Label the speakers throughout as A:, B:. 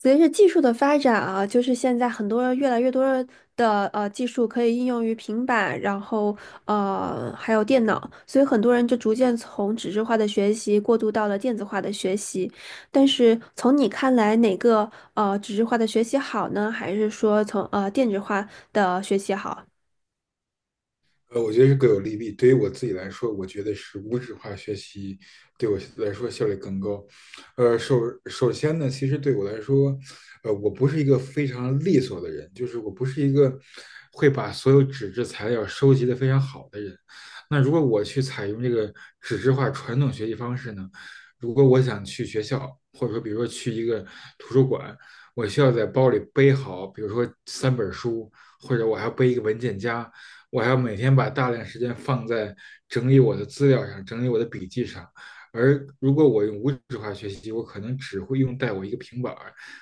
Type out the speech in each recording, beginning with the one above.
A: 随着技术的发展啊，就是现在很多越来越多的技术可以应用于平板，然后还有电脑，所以很多人就逐渐从纸质化的学习过渡到了电子化的学习。但是从你看来，哪个纸质化的学习好呢？还是说从电子化的学习好？
B: 我觉得是各有利弊。对于我自己来说，我觉得是无纸化学习对我来说效率更高。呃，首首先呢，其实对我来说，我不是一个非常利索的人，就是我不是一个会把所有纸质材料收集的非常好的人。那如果我去采用这个纸质化传统学习方式呢，如果我想去学校，或者说比如说去一个图书馆，我需要在包里背好，比如说三本书，或者我还要背一个文件夹。我还要每天把大量时间放在整理我的资料上，整理我的笔记上。而如果我用无纸化学习，我可能只会用带我一个平板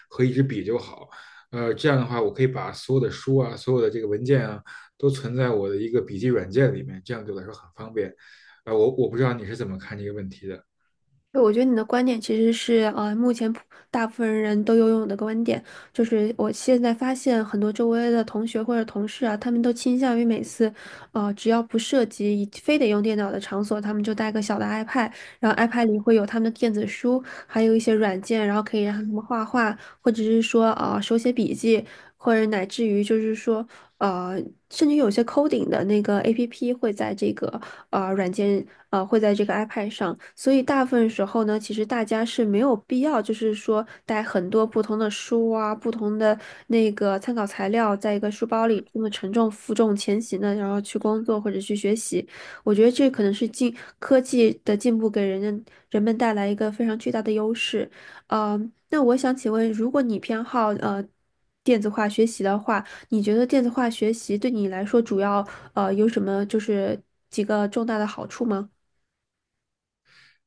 B: 和一支笔就好。这样的话，我可以把所有的书啊、所有的这个文件啊，都存在我的一个笔记软件里面，这样对我来说很方便。我不知道你是怎么看这个问题的。
A: 对，我觉得你的观点其实是，目前大部分人都拥有的观点，就是我现在发现很多周围的同学或者同事啊，他们都倾向于每次，只要不涉及一非得用电脑的场所，他们就带个小的 iPad，然后 iPad 里会有他们的电子书，还有一些软件，然后可以让他们画画，或者是说，手写笔记，或者乃至于就是说。呃，甚至有些 coding 的那个 APP 会在这个软件会在这个 iPad 上，所以大部分时候呢，其实大家是没有必要，就是说带很多不同的书啊、不同的那个参考材料在一个书包里这么沉重负重前行的，然后去工作或者去学习。我觉得这可能是科技的进步给人们带来一个非常巨大的优势。呃，那我想请问，如果你偏好电子化学习的话，你觉得电子化学习对你来说主要有什么就是几个重大的好处吗？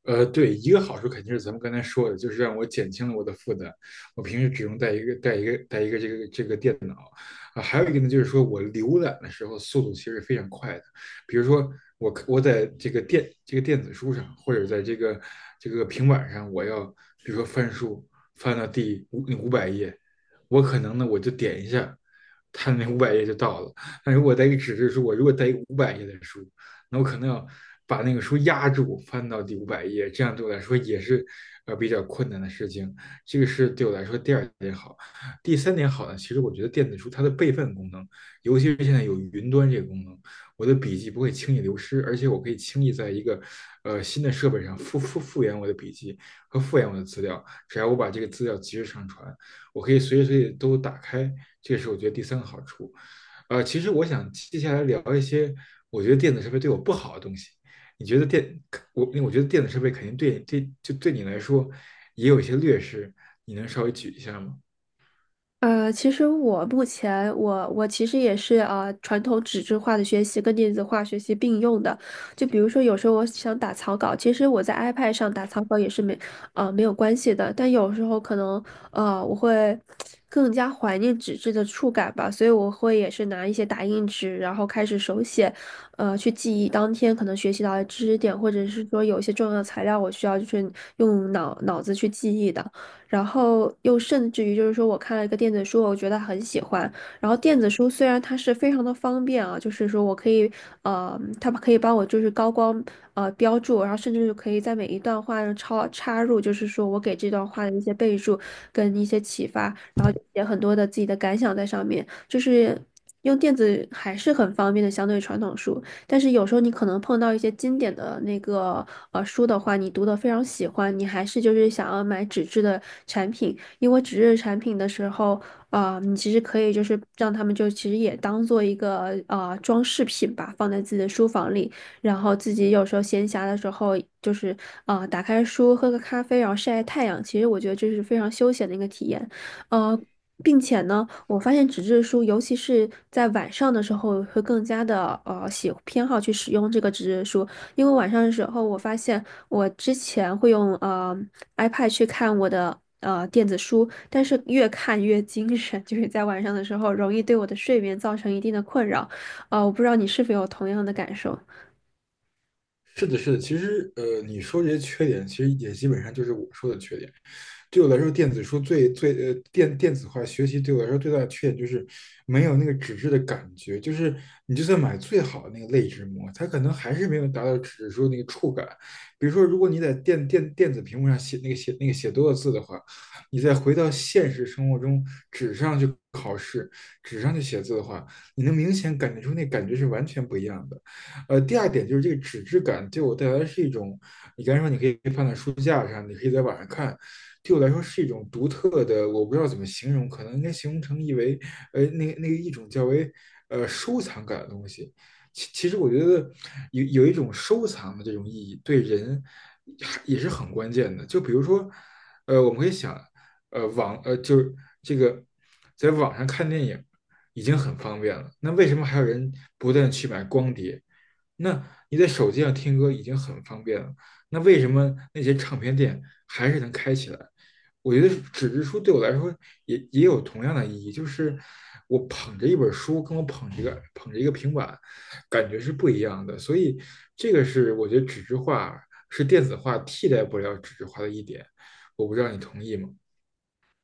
B: 对，一个好处肯定是咱们刚才说的，就是让我减轻了我的负担。我平时只用带一个这个这个电脑啊，还有一个呢，就是说我浏览的时候速度其实非常快的。比如说我在这个电子书上，或者在这个平板上，我要比如说翻书翻到第五五百页，我可能就点一下，它那五百页就到了。但如果带一个纸质书，我如果带一个五百页的书，那我可能要把那个书压住，翻到第五百页，这样对我来说也是比较困难的事情。这个是对我来说第二点好。第三点好呢，其实我觉得电子书它的备份功能，尤其是现在有云端这个功能，我的笔记不会轻易流失，而且我可以轻易在一个新的设备上复原我的笔记和复原我的资料，只要我把这个资料及时上传，我可以随时随地都打开。这是我觉得第三个好处。其实我想接下来聊一些，我觉得电子设备对我不好的东西。你觉得电，我我觉得电子设备肯定对，就对你来说也有一些劣势，你能稍微举一下吗？
A: 其实我目前我其实也是传统纸质化的学习跟电子化学习并用的。就比如说有时候我想打草稿，其实我在 iPad 上打草稿也是没有关系的。但有时候可能我会更加怀念纸质的触感吧，所以我会也是拿一些打印纸，然后开始手写，去记忆当天可能学习到的知识点，或者是说有一些重要材料我需要就是用脑子去记忆的。然后又甚至于就是说我看了一个电子书，我觉得很喜欢。然后电子书虽然它是非常的方便啊，就是说我可以它可以帮我就是高光标注，然后甚至是可以在每一段话上插入，就是说我给这段话的一些备注跟一些启发，然后就写很多的自己的感想在上面，就是。用电子还是很方便的，相对于传统书。但是有时候你可能碰到一些经典的那个书的话，你读的非常喜欢，你还是就是想要买纸质的产品，因为纸质产品的时候，啊、你其实可以就是让他们就其实也当做一个装饰品吧，放在自己的书房里，然后自己有时候闲暇的时候，就是啊、打开书喝个咖啡，然后晒晒太阳，其实我觉得这是非常休闲的一个体验。呃，并且呢，我发现纸质书，尤其是在晚上的时候，会更加的偏好去使用这个纸质书，因为晚上的时候，我发现我之前会用iPad 去看我的电子书，但是越看越精神，就是在晚上的时候容易对我的睡眠造成一定的困扰，我不知道你是否有同样的感受。
B: 是的，是的，其实你说这些缺点，其实也基本上就是我说的缺点。对我来说，电子书最最呃电电子化学习对我来说最大的缺点就是没有那个纸质的感觉，就是你就算买最好的那个类纸膜，它可能还是没有达到纸质书那个触感。比如说，如果你在电子屏幕上写那个写那个写多了字的话，你再回到现实生活中纸上去考试、纸上去写字的话，你能明显感觉出那感觉是完全不一样的。第二点就是这个纸质感对我带来是一种，你刚才说你可以放在书架上，你可以在网上看，对我来说是一种独特的，我不知道怎么形容，可能应该形容成一为，那个一种较为收藏感的东西。其实我觉得有一种收藏的这种意义，对人也是很关键的。就比如说，我们可以想，呃，网呃就是这个在网上看电影已经很方便了，那为什么还有人不断去买光碟？那你在手机上听歌已经很方便了，那为什么那些唱片店还是能开起来？我觉得纸质书对我来说也有同样的意义，就是我捧着一本书，跟我捧着一个平板，感觉是不一样的。所以这个是我觉得纸质化是电子化替代不了纸质化的一点，我不知道你同意吗？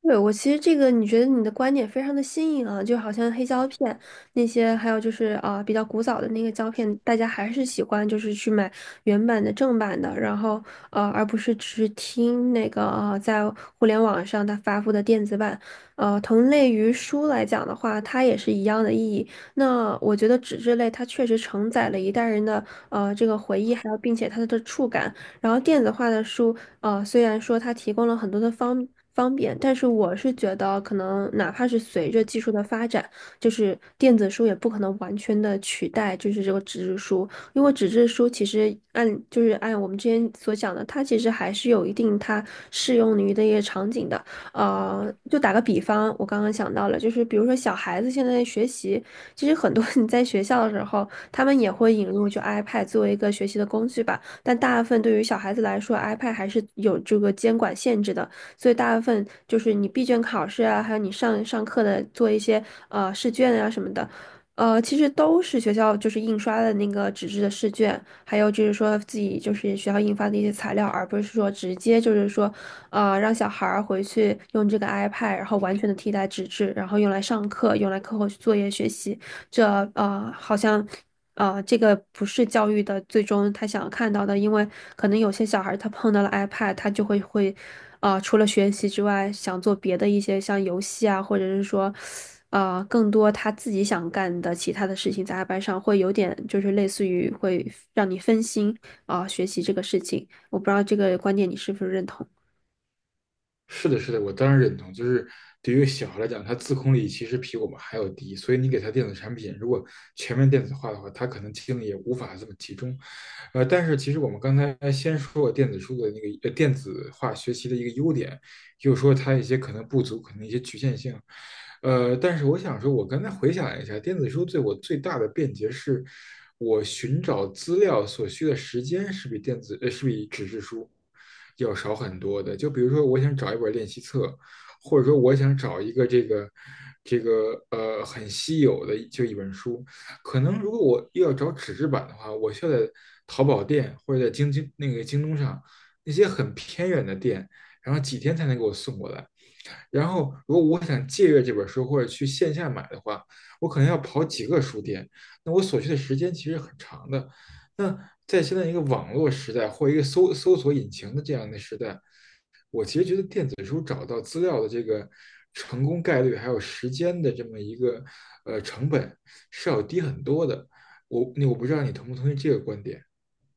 A: 对，我其实这个，你觉得你的观点非常的新颖啊，就好像黑胶片那些，还有就是啊、比较古早的那个胶片，大家还是喜欢就是去买原版的正版的，然后而不是只是听那个在互联网上它发布的电子版。同类于书来讲的话，它也是一样的意义。那我觉得纸质类它确实承载了一代人的这个回忆，还有并且它的触感。然后电子化的书。虽然说它提供了很多的方便，但是我是觉得，可能哪怕是随着技术的发展，就是电子书也不可能完全的取代，就是这个纸质书，因为纸质书其实按就是按我们之前所讲的，它其实还是有一定它适用于的一些场景的。就打个比方，我刚刚想到了，就是比如说小孩子现在学习，其实很多 你在学校的时候，他们也会引入就 iPad 作为一个学习的工具吧。但大部分对于小孩子来说，iPad 还是有这个监管限制的，所以大部分就是你闭卷考试啊，还有你上课的做一些试卷啊什么的，其实都是学校就是印刷的那个纸质的试卷，还有就是说自己就是学校印发的一些材料，而不是说直接就是说啊，让小孩儿回去用这个 iPad，然后完全的替代纸质，然后用来上课，用来课后作业学习。这好像这个不是教育的最终他想要看到的，因为可能有些小孩儿他碰到了 iPad，他就会啊，除了学习之外，想做别的一些像游戏啊，或者是说。更多他自己想干的其他的事情，在 iPad 上会有点，就是类似于会让你分心啊，学习这个事情。我不知道这个观点你是不是认同。
B: 是的，是的，我当然认同。就是对于小孩来讲，他自控力其实比我们还要低，所以你给他电子产品，如果全面电子化的话，他可能精力也无法这么集中。但是其实我们刚才先说过电子书的那个电子化学习的一个优点，又说它一些可能不足，可能一些局限性。但是我想说，我刚才回想了一下，电子书对我最大的便捷是，我寻找资料所需的时间是比电子呃是比纸质书要少很多的。就比如说，我想找一本练习册，或者说我想找一个这个很稀有的就一本书，可能如果我又要找纸质版的话，我需要在淘宝店或者在京东上那些很偏远的店然后几天才能给我送过来。然后如果我想借阅这本书或者去线下买的话，我可能要跑几个书店，那我所需的时间其实很长的。那在现在一个网络时代或一个搜索引擎的这样的时代，电子书找到资料的这个成功概率还有时间的这么一个成本是要低很多的。我那我不知道你同不同意这个观点。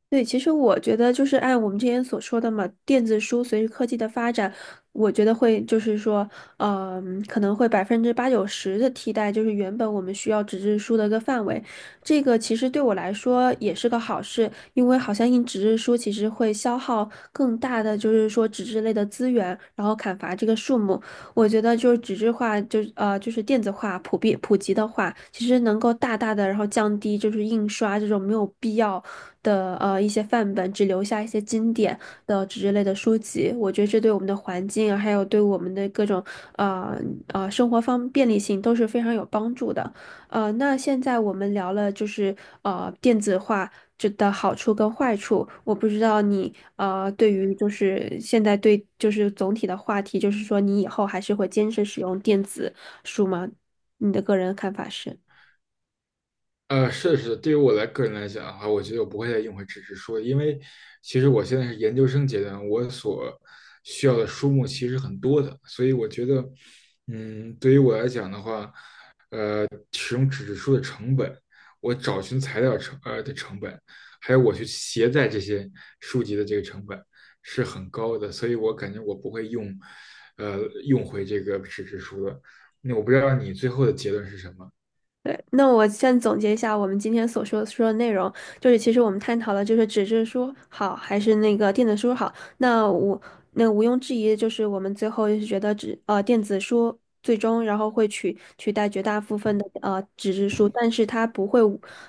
A: 对，其实我觉得就是按我们之前所说的嘛，电子书随着科技的发展，我觉得会就是说，嗯、可能会百分之八九十的替代，就是原本我们需要纸质书的一个范围。这个其实对我来说也是个好事，因为好像印纸质书其实会消耗更大的就是说纸质类的资源，然后砍伐这个树木。我觉得就是纸质化，就是就是电子化普及的话，其实能够大大的然后降低就是印刷这种没有必要。的一些范本，只留下一些经典的纸之类的书籍。我觉得这对我们的环境啊，还有对我们的各种呃生活便利性都是非常有帮助的。那现在我们聊了就是电子化。这的好处跟坏处，我不知道你对于就是现在对就是总体的话题，就是说你以后还是会坚持使用电子书吗？你的个人看法是？
B: 是对于我个人来讲的话，我觉得我不会再用回纸质书，因为其实我现在是研究生阶段，我所需要的书目其实很多的，所以我觉得，嗯，对于我来讲的话，使用纸质书的成本，我找寻材料的成本，还有我去携带这些书籍的这个成本是很高的，所以我感觉我不会用，呃，用回这个纸质书的。那我不知道你最后的结论是什么。
A: 对，那我先总结一下我们今天所说的内容，就是其实我们探讨了就是纸质书好还是那个电子书好。那我那毋庸置疑，就是我们最后是觉得电子书最终然后会取代绝大部分的纸质书，但是它不会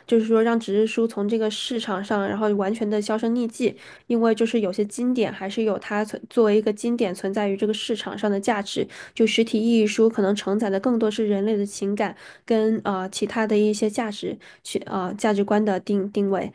A: 就是说让纸质书从这个市场上然后完全的销声匿迹，因为就是有些经典还是有它存作为一个经典存在于这个市场上的价值。就实体意义书可能承载的更多是人类的情感。跟其他的一些价值去价值观的定位。